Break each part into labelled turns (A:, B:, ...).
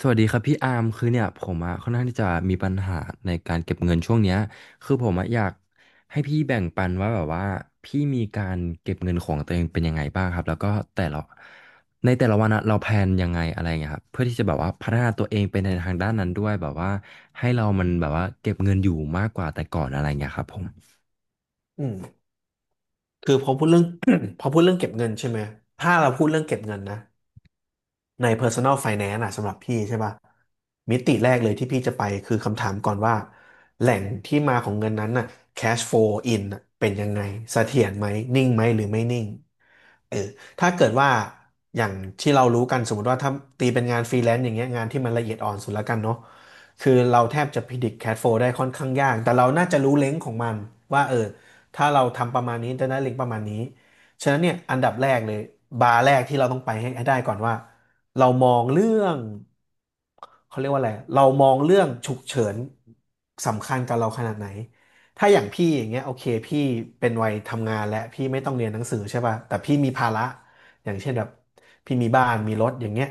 A: สวัสดีครับพี่อาร์มคือเนี่ยผมอะค่อนข้างที่จะมีปัญหาในการเก็บเงินช่วงเนี้ยคือผมอะอยากให้พี่แบ่งปันว่าแบบว่าพี่มีการเก็บเงินของตัวเองเป็นยังไงบ้างครับแล้วก็แต่ละในแต่ละวันอะเราแพลนยังไงอะไรเงี้ยครับเพื่อที่จะแบบว่าพัฒนาตัวเองไปในทางด้านนั้นด้วยแบบว่าให้เรามันแบบว่าเก็บเงินอยู่มากกว่าแต่ก่อนอะไรเงี้ยครับผม
B: อืมคือพอพูดเรื่อง พอพูดเรื่องเก็บเงินใช่ไหมถ้าเราพูดเรื่องเก็บเงินนะใน Personal Finance อะสำหรับพี่ใช่ป่ะมิติแรกเลยที่พี่จะไปคือคำถามก่อนว่าแหล่งที่มาของเงินนั้นน่ะ cash flow in น่ะเป็นยังไงเสถียรไหมนิ่งไหมหรือไม่นิ่ง เออถ้าเกิดว่าอย่างที่เรารู้กันสมมติว่าถ้าตีเป็นงานฟรีแลนซ์อย่างเงี้ยงานที่มันละเอียดอ่อนสุดแล้วกันเนาะคือเราแทบจะพิดิกแคชโฟได้ค่อนข้างยากแต่เราน่าจะรู้เล็งของมันว่าเออถ้าเราทำประมาณนี้จะได้เล็งประมาณนี้ฉะนั้นเนี่ยอันดับแรกเลยบาร์แรกที่เราต้องไปให้ได้ก่อนว่าเรามองเรื่องเขาเรียกว่าอะไรเรามองเรื่องฉุกเฉินสำคัญกับเราขนาดไหน ถ้าอย่างพี่อย่างเงี้ยโอเคพี่เป็นวัยทำงานและพี่ไม่ต้องเรียนหนังสือใช่ป่ะแต่พี่มีภาระอย่างเช่นแบบพี่มีบ้านมีรถอย่างเงี้ย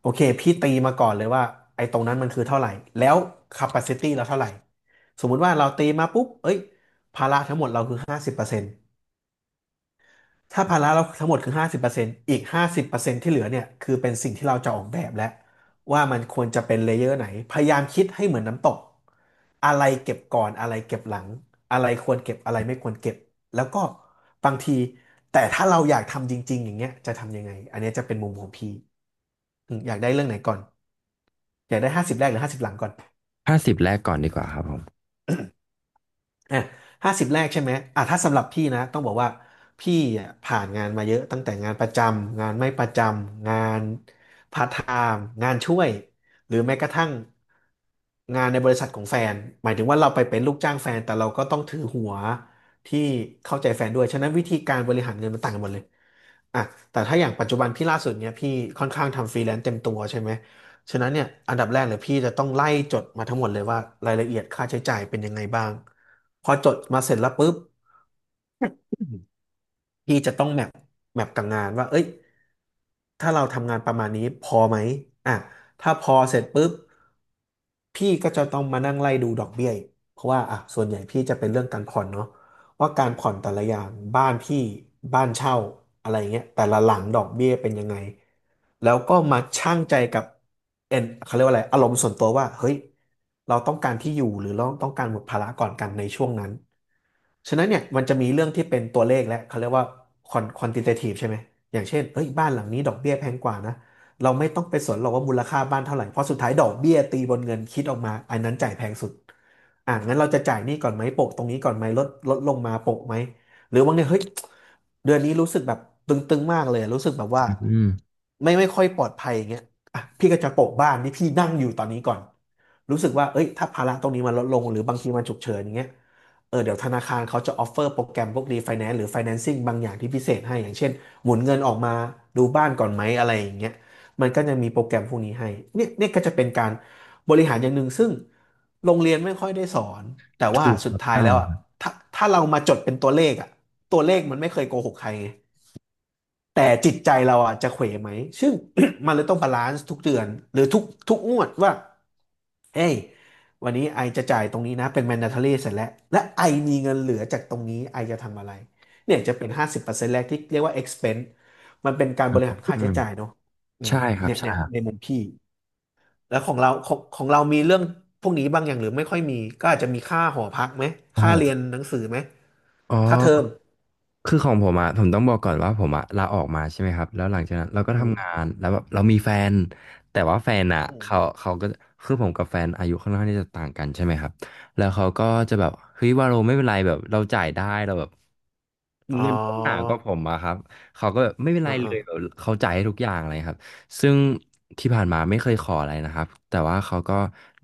B: โอเคพี่ตีมาก่อนเลยว่าไอ้ตรงนั้นมันคือเท่าไหร่แล้ว capacity เราเท่าไหร่สมมุติว่าเราตีมาปุ๊บเอ้ยภาระทั้งหมดเราคือห้าสิบเปอร์เซ็นต์ ถ้าภาระเราทั้งหมดคือ50%อีกห้าสิบเปอร์เซ็นต์ที่เหลือเนี่ยคือเป็นสิ่งที่เราจะออกแบบแล้วว่ามันควรจะเป็นเลเยอร์ไหน พยายามคิดให้เหมือนน้ำตกอะไรเก็บก่อนอะไรเก็บหลังอะไรควรเก็บอะไรไม่ควรเก็บแล้วก็บางทีแต่ถ้าเราอยากทำจริงๆอย่างเงี้ยจะทำยังไงอันเนี้ยจะเป็นมุมของพี่อืมอยากได้เรื่องไหนก่อนอยากได้ห้าสิบแรกหรือ50 หลังก่อน
A: ห้าสิบแรกก่อนดีกว่าครับผม
B: อ่ะ50 แรกใช่ไหมอ่ะถ้าสำหรับพี่นะต้องบอกว่าพี่อ่ะผ่านงานมาเยอะตั้งแต่งานประจำงานไม่ประจำงานพาร์ทไทม์งานช่วยหรือแม้กระทั่งงานในบริษัทของแฟนหมายถึงว่าเราไปเป็นลูกจ้างแฟนแต่เราก็ต้องถือหัวที่เข้าใจแฟนด้วยฉะนั้นวิธีการบริหารเงินมันต่างกันหมดเลยอ่ะแต่ถ้าอย่างปัจจุบันพี่ล่าสุดเนี้ยพี่ค่อนข้างทำฟรีแลนซ์เต็มตัวใช่ไหมฉะนั้นเนี่ยอันดับแรกเลยพี่จะต้องไล่จดมาทั้งหมดเลยว่ารายละเอียดค่าใช้จ่ายเป็นยังไงบ้าง พอจดมาเสร็จแล้วปุ๊บพี่จะต้องแมปกับงานว่าเอ้ยถ้าเราทำงานประมาณนี้พอไหมอ่ะถ้าพอเสร็จปุ๊บพี่ก็จะต้องมานั่งไล่ดูดอกเบี้ยอีกเพราะว่าอ่ะส่วนใหญ่พี่จะเป็นเรื่องการผ่อนเนาะ ว่าการผ่อนแต่ละอย่างบ้านพี่บ้านเช่าอะไรเงี้ยแต่ละหลังดอกเบี้ยเป็นยังไงแล้วก็มาชั่งใจกับเอ็นเขาเรียกว่าอะไรอารมณ์ส่วนตัวว่าเฮ้ยเราต้องการที่อยู่หรือเราต้องการหมดภาระก่อนกันในช่วงนั้นฉะนั้นเนี่ยมันจะมีเรื่องที่เป็นตัวเลขและเขาเรียกว่า quantitative ใช่ไหมอย่างเช่นเอ้ยบ้านหลังนี้ดอกเบี้ยแพงกว่านะ เราไม่ต้องไปสนหรอกว่ามูลค่าบ้านเท่าไหร่ เพราะสุดท้ายดอกเบี้ยตีบนเงินคิดออกมาอันนั้นจ่ายแพงสุดอ่ะงั้นเราจะจ่ายหนี้ก่อนไหมโปะตรงนี้ก่อนไหมลดลงมาโปะไหมหรือบางเนียเฮ้ยเดือนนี้รู้สึกแบบตึงๆมากเลยรู้สึกแบบว่า
A: อืม
B: ไม่ค่อยปลอดภัยอย่างเงี้ยอ่ะพี่ก็จะโปะบ้านที่พี่นั่งอยู่ตอนนี้ก่อนรู้สึกว่าเอ้ยถ้าภาระตรงนี้มันลดลงหรือบางทีมันฉุกเฉินอย่างเงี้ยเออเดี๋ยวธนาคารเขาจะออฟเฟอร์โปรแกรมพวกรีไฟแนนซ์หรือไฟแนนซิ่งบางอย่างที่พิเศษให้อย่างเช่นหมุนเงินออกมาดูบ้านก่อนไหมอะไรอย่างเงี้ย มันก็จะมีโปรแกรมพวกนี้ให้เนี่ยเนี่ยก็จะเป็นการบริหารอย่างหนึ่งซึ่งโรงเรียนไม่ค่อยได้สอน แต่ว่า
A: ถูก
B: สุ
A: ค
B: ด
A: รับ
B: ท้าย
A: ใช่
B: แล้วอ่ะ
A: ครับ
B: ถ้าถ้าเรามาจดเป็นตัวเลขอ่ะตัวเลขมันไม่เคยโกหกใครไง แต่จิตใจเราอ่ะจะเขวไหมซึ่ง มันเลยต้องบาลานซ์ทุกเดือนหรือทุกงวดว่าเฮ้ยวันนี้ไอจะจ่ายตรงนี้นะเป็น mandatory เสร็จแล้ว และไอมีเงินเหลือจากตรงนี้ไอจะทำอะไรเนี่ยจะเป็น50%แรกที่เรียกว่า expense มันเป็นการบริหารค่า
A: อื
B: ใช้
A: ม
B: จ่ายเนาะอืม
A: ใช่ครับ
B: เนี่ย
A: ใช่
B: เนี่ย
A: ครับ
B: ในมุมพี่ แล้วของเราของเรามีเรื่องพวกนี้บ้างอย่างหรือไม่ค่อยมี ก็อาจจะมีค่าหอพักไหม
A: โอ้
B: ค่า
A: โห
B: เรียนหนังสือไหม
A: อ๋
B: ค่าเทอ
A: อ
B: ม
A: คือของผมอะผมต้องบอกก่อนว่าผมอะลาออกมาใช่ไหมครับแล้วหลังจากนั้นเราก็
B: อืม
A: ทำงานแล้วแบบเรามีแฟนแต่ว่าแฟนอะ
B: อื
A: เขา
B: ม
A: เขาก็คือผมกับแฟนอายุค่อนข้างที่จะต่างกันใช่ไหมครับแล้วเขาก็จะแบบเฮ้ยวาโลไม่เป็นไรแบบเราจ่ายได้เราแบบ
B: อ๋อ
A: เงินเขาหนากว่าผมอะครับเขาก็แบบไม่เป็นไร
B: อ่า
A: เล
B: อ่า
A: ยแบบเขาจ่ายให้ทุกอย่างเลยครับซึ่งที่ผ่านมาไม่เคยขออะไรนะครับแต่ว่าเขาก็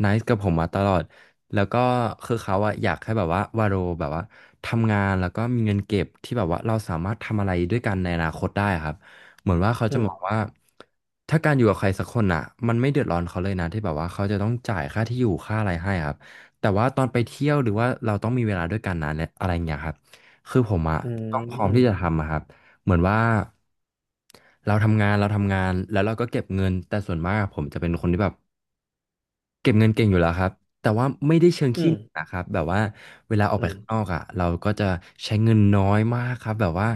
A: นซ์กับผมมาตลอดแล้วก็คือเขาอะอยากให้แบบว่าวาโรแบบว่าทำงานแล้วก็มีเงินเก็บที่แบบว่าเราสามารถทำอะไรด้วยกันในอนาคตได้ครับเหมือนว่าเขา
B: อื
A: จะ
B: ม
A: มองว่าถ้าการอยู่กับใครสักคนอะมันไม่เดือดร้อนเขาเลยนะที่แบบว่าเขาจะต้องจ่ายค่าที่อยู่ค่าอะไรให้ครับแต่ว่าตอนไปเที่ยวหรือว่าเราต้องมีเวลาด้วยกันนะเนี่ยอะไรอย่างเงี้ยครับ คือผมอะ
B: อื
A: ต้องพร้อม
B: ม
A: ที่จะทำอะครับเหมือนว่าเราทำงานแล้วเราก็เก็บเงินแต่ส่วนมากอะผมจะเป็นคนที่แบบเก็บเงินเก่งอยู่แล้วครับแต่ว่าไม่ได้เชิง
B: อื
A: ขี้
B: ม
A: เหนียวนะครับแบบว่าเวลาออกไป
B: อื
A: ข้างนอ
B: ม
A: กอะเราก็จะใช้เงินน้อยมากครับแบบว่า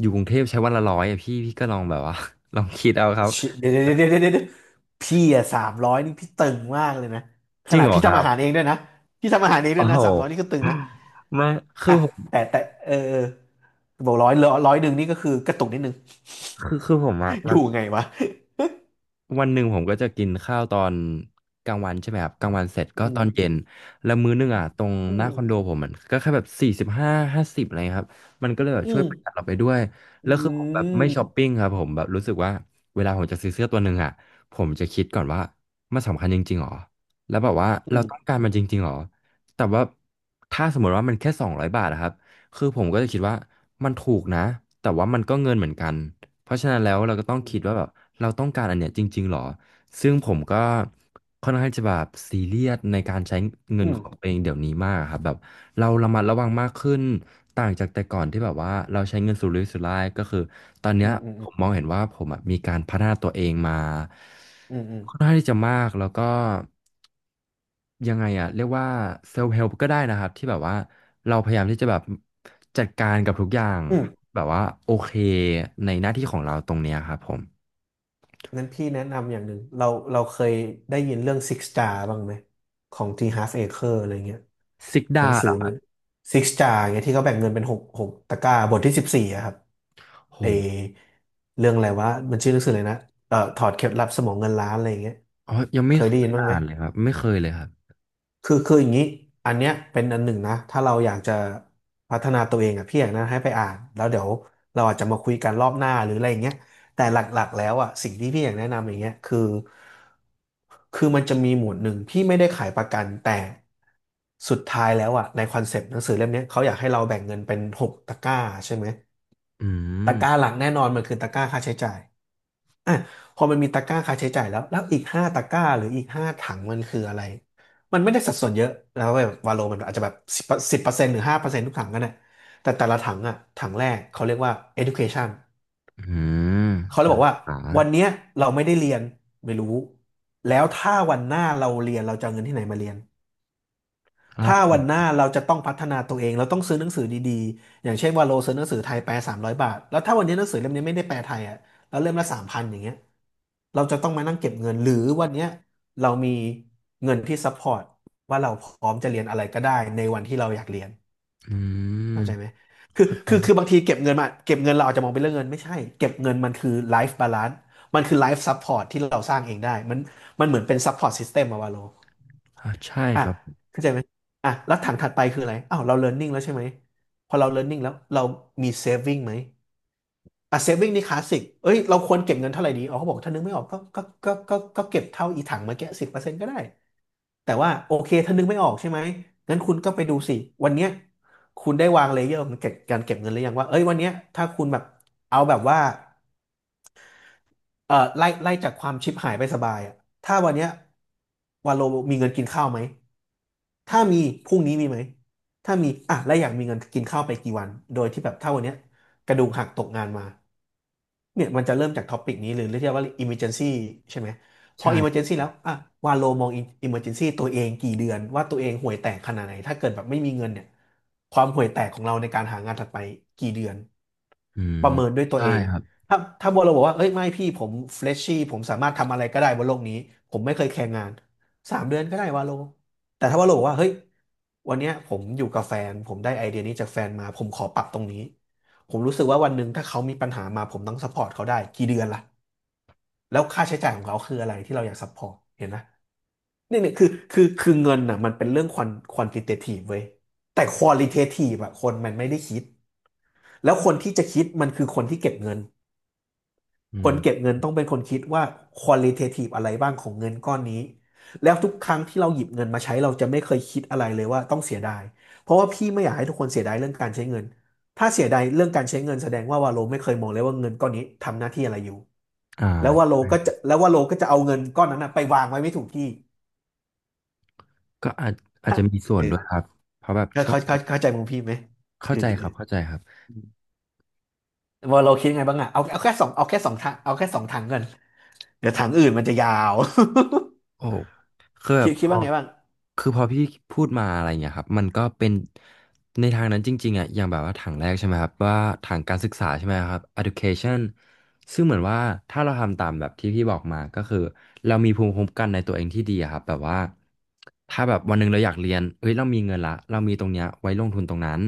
A: อยู่กรุงเทพใช้วันละร้อยอะพี่ก็ลองแบบว่า ลองคิดเอาครับ
B: ชิเดี๋ยวเดี๋ยวเดี๋ยวเดี๋ยวเดี๋ยวพี่อะสามร้อยนี่พี่ตึงมากเลยนะข
A: จริง
B: นาด
A: เหรอ
B: พี่
A: ค
B: ทำ
A: รับ
B: อาหารเองด้วยนะ พี่ทำอาหารเองด้
A: โอ้
B: วย
A: โห
B: นะสามร้อยนี่ก็ตึงนะ
A: ไม่คือ
B: อ่ะ
A: ผม
B: แต่เออเออบอกร้อยหนึ่งนี่ก็คือกระตุกนิดนึง
A: คือผมอะ
B: อ
A: มั
B: ยู่
A: น
B: ไงวะ
A: วันหนึ่งผมก็จะกินข้าวตอนกลางวันใช่ไหมครับกลางวันเสร็จ ก็
B: อื
A: ตอ
B: ม
A: นเย็นแล้วมื้อหนึงอ่ะตรง
B: อื
A: หน้า
B: ม
A: คอนโดผมมันก็แค่แบบ45ห้าสิบอะไรเงี้ยครับมันก็เลยแบบ
B: อื
A: ช่วย
B: ม
A: ประหยัดเราไปด้วย
B: อื
A: แล้วคือผมแบบไม่ช้อป
B: ม
A: ปิ้งครับผมแบบรู้สึกว่าเวลาผมจะซื้อเสื้อตัวหนึ่งอ่ะผมจะคิดก่อนว่ามันสำคัญจริงๆหรอแล้วแบบว่า
B: อื
A: เรา
B: ม
A: ต้องการมันจริงๆหรอแต่ว่าถ้าสมมติว่ามันแค่200 บาทอะครับคือผมก็จะคิดว่ามันถูกนะแต่ว่ามันก็เงินเหมือนกัน เพราะฉะนั้นแล้วเราก็ต้อง
B: อื
A: คิดว่าแบบเราต้องการอันเนี้ยจริงๆหรอซึ่งผมก็ค่อนข้างจะแบบซีเรียสในการใช้เงิน
B: ม
A: ของตัวเองเดี๋ยวนี้มากครับแบบเราระมัดระวังมากขึ้นต่างจากแต่ก่อนที่แบบว่าเราใช้เงินสุรุ่ยสุร่ายก็คือตอนเนี้
B: อื
A: ย
B: มอืม
A: ผมมองเห็นว่าผมอะมีการพัฒนาตัวเองมา
B: อืมอืมอืม
A: ค่อนข้างที่จะมากแล้วก็ ยังไงอะเรียกว่าเซลฟ์เฮล p ก็ได้นะครับที่แบบว่าเราพยายามที่จะแบบจัดการกับทุกอย่าง
B: อืม
A: แบบว่าโอเคในหน้าที่ของเราตรงเนี้ยครับผม
B: นั้นพี่แนะนำอย่างหนึ่งเราเคยได้ยินเรื่อง Six Star บ้างไหม ของ T Half Acre อะไรเงี้ย
A: ซิก
B: หนั
A: ดา
B: งสื
A: เหร
B: อ
A: อครับ
B: ซิกจาเงี้ยที่เขาแบ่งเงินเป็นหกตะกร้าบทที่14อะครับเอ
A: โห
B: เรื่องอะไรวะมันชื่อหนังสืออะไรนะถอดเคล็ดลับสมองเงินล้านอะไรอย่างเงี้ย
A: อ๋อยัง
B: เค
A: ไม่
B: ย
A: เค
B: ได้ยิ
A: ย
B: นบ้างไหม
A: อ่านเลยครับไม่เคยเลยครับ
B: คืออย่างนี้อันเนี้ยเป็นอันหนึ่งนะถ้าเราอยากจะพัฒนาตัวเองอะพี่อยากแนะนำให้ไปอ่านแล้วเดี๋ยวเราอาจจะมาคุยกันรอบหน้าหรืออะไรอย่างเงี้ยแต่หลักๆแล้วอะสิ่งที่พี่อยากแนะนำอย่างเงี้ยคือคือมันจะมีหมวดหนึ่งที่ไม่ได้ขายประกันแต่สุดท้ายแล้วอะในคอนเซปต์หนังสือเล่มเนี้ยเขาอยากให้เราแบ่งเงินเป็นหกตะกร้าใช่ไหม
A: อื
B: ตะ
A: ม
B: กร้าหลักแน่นอนมันคือตะกร้าค่าใช้จ่าย อ่ะพอมันมีตะกร้าค่าใช้จ่ายแล้ว แล้วอีกห้าตะกร้าหรืออีกห้าถังมันคืออะไร มันไม่ได้สัดส่วนเยอะแล้วแบบวาโลมันอาจจะแบบสิบเปอร์เซ็นต์หรือ5%ทุกถังกันน่ะแต่แต่ละถังอ่ะถังแรกเขาเรียกว่า education
A: อืม
B: เขาเลย
A: กา
B: บ
A: ร
B: อก
A: ศึ
B: ว่า
A: กษา
B: วันเนี้ยเราไม่ได้เรียนไม่รู้ แล้วถ้าวันหน้าเราเรียนเราจะเอาเงินที่ไหนมาเรียน
A: ล่า
B: ถ้า
A: ถุ
B: วันหน้าเราจะต้องพัฒนาตัวเองเราต้องซื้อหนังสือดีๆอย่างเช่นว่าโลซื้อหนังสือไทยแปล300 บาทแล้วถ้าวันนี้หนังสือเล่มนี้ไม่ได้แปลไทยอ่ะแล้วเล่มละ3,000อย่างเงี้ยเราจะต้องมานั่งเก็บเงินหรือวันเนี้ยเรามีเงินที่ซัพพอร์ตว่าเราพร้อมจะเรียนอะไรก็ได้ในวันที่เราอยากเรียน
A: อืม
B: เข้าใจไหมคือ
A: เข้าใจ
B: คือ
A: ครั
B: คื
A: บ
B: อบางทีเก็บเงินมาเก็บเงินเราอาจจะมองเป็นเรื่องเงินไม่ใช่เก็บเงินมันคือไลฟ์บาลานซ์มันคือไลฟ์ซัพพอร์ตที่เราสร้างเองได้มันเหมือนเป็นซัพพอร์ตซิสเต็มอะวาโล
A: อ่าใช่
B: อ่ะ
A: ครับ
B: เข้าใจไหมอ่ะแล้วถังถัดไปคืออะไรอ้าวเรา learning แล้วใช่ไหมพอเรา learning แล้วเรามี saving ไหมอ่ะ saving นี่คลาสสิกเอ้ยเราควรเก็บเงินเท่าไหร่ดีอ๋อเขาบอกถ้านึกไม่ออกก็เก็บเท่าอีถังเมื่อกี้สิบเปอร์เซ็นต์ก็ได้แต่ว่าโอเคถ้านึกไม่ออกใช่ไหมงั้นคุณก็ไปดูสิวันเนี้ยคุณได้วางเลเยอร์ของเก็บการเก็บเงินหรือยังว่าเอ้ยวันเนี้ยถ้าคุณแบบเอาแบบว่า ไล่จากความชิบหายไปสบายอะถ้าวันเนี้ยวาโลมีเงินกินข้าวไหมถ้ามีพรุ่งนี้มีไหมถ้ามีอ่ะแล้วอยากมีเงินกินข้าวไปกี่วันโดยที่แบบถ้าวันเนี้ยกระดูกหักตกงานมาเนี่ยมันจะเริ่มจากท็อปิกนี้หรือเรียกว่า emergency ใช่ไหมพอ
A: ใช่
B: emergency แล้วอ่ะวาโลมอง emergency ตัวเองกี่เดือนว่าตัวเองห่วยแตกขนาดไหนถ้าเกิดแบบไม่มีเงินเนี่ยความห่วยแตกของเราในการหางานถัดไปกี่เดือน
A: อืม
B: ประเมินด้วยตัว
A: ใช่
B: เอง
A: ครับ
B: ถ้าบัวเราบอกว่าเอ้ยไม่พี่ผมเฟรชชี่ผมสามารถทำอะไรก็ได้บนโลกนี้ผมไม่เคยแข่งงาน3 เดือนก็ได้วาโลแต่ถ้าว่าเราบอกว่าเฮ้ยวันเนี้ยผมอยู่กับแฟนผมได้ไอเดียนี้จากแฟนมาผมขอปรับตรงนี้ผมรู้สึกว่าวันหนึ่งถ้าเขามีปัญหามาผมต้องซัพพอร์ตเขาได้กี่เดือนล่ะแล้วค่าใช้จ่ายของเขาคืออะไรที่เราอยากซัพพอร์ตเห็นไหมนี่เนี่ยคือเงินน่ะมันเป็นเรื่องควอนติเททีฟเว้ยแต่ควอลิเททีฟอะคนมันไม่ได้คิดแล้วคนที่จะคิดมันคือคนที่เก็บเงิน
A: อื
B: คน
A: ม
B: เก็บเงินต้องเป็นคนคิดว่า qualitative อะไรบ้างของเงินก้อนนี้แล้วทุกครั้งที่เราหยิบเงินมาใช้เราจะไม่เคยคิดอะไรเลยว่าต้องเสียดายเพราะว่าพี่ไม่อยากให้ทุกคนเสียดายเรื่องการใช้เงินถ้าเสียดายเรื่องการใช้เงินแสดงว่าวาโลไม่เคยมองเลยว่าเงินก้อนนี้ทำหน้าที่อะไรอยู่
A: อ่า
B: แล้ววาโลก็จะเอาเงินก้อนนั้นนะไปวางไว้ไม่ถูกที่
A: ก็อาจอาจ
B: ฮะ
A: จะมีส่ว
B: เอ
A: น
B: อ
A: ด้วยครับเพราะแบบช่วง
B: เข้าใจมุมพี่ไหมเอ
A: เข้า
B: อ
A: ใจ
B: เอ
A: ค
B: อ
A: รับเข้าใจครับ
B: อวาลคิดไงบ้างอะเอาเอาแค่สองเอาแค่สองทางเอาแค่สองทางกันเดี๋ยวทางอื่นมันจะยาว
A: โอ้คือแบบ
B: คิ
A: พ
B: ด
A: อ
B: ว่าไงบ้าง
A: คือพอพี่พูดมาอะไรเงี้ยครับมันก็เป็นในทางนั้นจริงๆอ่ะอย่างแบบว่าถังแรกใช่ไหมครับว่าถังการศึกษาใช่ไหมครับ education ซึ่งเหมือนว่าถ้าเราทำตามแบบที่พี่บอกมาก็คือเรามีภูมิคุ้มกันในตัวเองที่ดีอะครับแบบว่าถ้าแบบวันหนึ่งเราอยากเรียนเฮ้ยเรามีเงินละเรามีตรงเนี้ยไว้ลงทุนตรงนั้น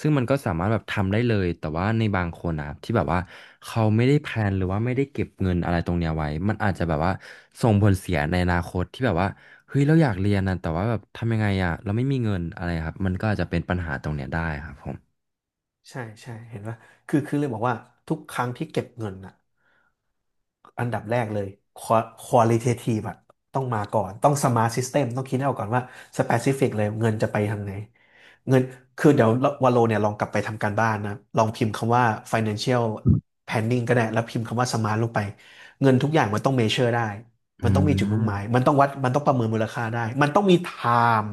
A: ซึ่งมันก็สามารถแบบทำได้เลย แต่ว่าในบางคนนะัที่แบบว่าเขาไม่ได้แพลนหรือว่าไม่ได้เก็บเงินอะไรตรงเนี้ยไว้มันอาจจะแบบว่าส่งผลเสียในอนาคตที่แบบว่าเฮ้ยเราอยากเรียนนะแต่ว่าแบบทำยังไงอ่ะเราไม่มีเงินอะไรครับมันก็อาจจะเป็นปัญหาตรงเนี้ยได้ครับผม
B: ใช่ใช่เห็นว่าคือเลยบอกว่าทุกครั้งที่เก็บเงินอ่ะอันดับแรกเลย qualitative อลิเททีฟอะต้องมาก่อนต้อง smart system ต้องคิดให้ออกก่อนว่า specific เปซิฟิกเลยเงินจะไปทางไหนเงินคือเดี๋ยววาโลเนี่ยลองกลับไปทำการบ้านนะลองพิมพ์คำว่า financial planning ก็ได้แล้วพิมพ์คำว่า smart ลงไปเงินทุกอย่างมันต้อง measure ได้
A: อื
B: มันต้องมีจุดมุ่งหมาย
A: ม
B: มันต้องวัดมันต้องประเมินมูลค่าได้มันต้องมีไทม์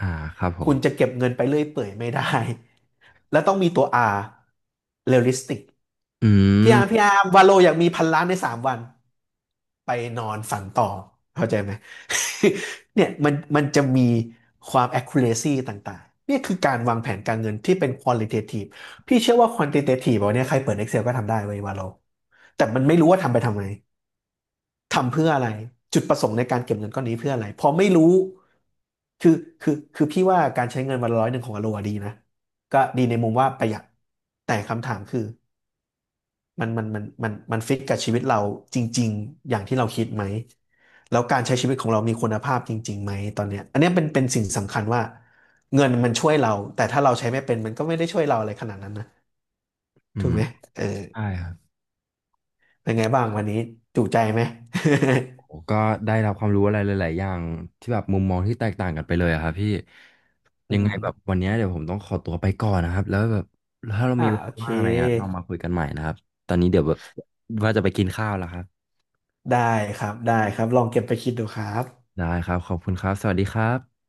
A: อ่าครับผ
B: คุ
A: ม
B: ณจะเก็บเงินไปเรื่อยเปื่อยไม่ได้ แล้วต้องมีตัว R realistic
A: อื
B: พี่
A: ม
B: อาร์มพี่อาร์มวาโลอยากมีพันล้านใน3 วันไปนอนฝันต่อเข้าใจไหม เนี่ยมันจะมีความ accuracy ต่างๆเนี่ยคือการวางแผนการเงินที่เป็น qualitative พี่เชื่อว่า quantitative แบนนี้ยใครเปิด Excel ก็ทำได้เว้ยวาโลแต่มันไม่รู้ว่าทำไปทำไม ทำเพื่ออะไรจุดประสงค์ในการเก็บเงินก้อนนี้เพื่ออะไรพอไม่รู้คือคือพี่ว่าการใช้เงินวันละ100ของอโลดีนะก็ดีในมุมว่าประหยัดแต่คำถามคือมันฟิตกับชีวิตเราจริงๆอย่างที่เราคิดไหมแล้วการใช้ชีวิตของเรามีคุณภาพจริงๆไหมตอนเนี้ยอันเนี้ยเป็นสิ่งสำคัญว่าเงินมันช่วยเราแต่ถ้าเราใช้ไม่เป็นมันก็ไม่ได้ช่วยเราอะไรขนาดนั้นนะ
A: อื
B: ถูก
A: ม
B: ไหมเออ
A: ได้ครับ
B: เป็นไงบ้างวันนี้จุใจไหม
A: ผมก็ได้รับความรู้อะไรหลายๆอย่างที่แบบมุมมองที่แตกต่างกันไปเลยอะครับพี่
B: อื
A: ยังไงแบบ
B: ม
A: วันเนี้ยเดี๋ยวผมต้องขอตัวไปก่อนนะครับแล้วแบบถ้าเรา
B: อ่า
A: มีเว
B: โอ
A: ลา
B: เค
A: ว่างอะไรอะเรามาคุยกันใหม่นะครับตอนนี้เดี๋ยวแบบว่าจะไปกินข้าวแล้วครับ
B: ได้ครับได้ครับลองเก็บไปคิดดูครับ
A: ได้ครับขอบคุณครับสวัสดีครับ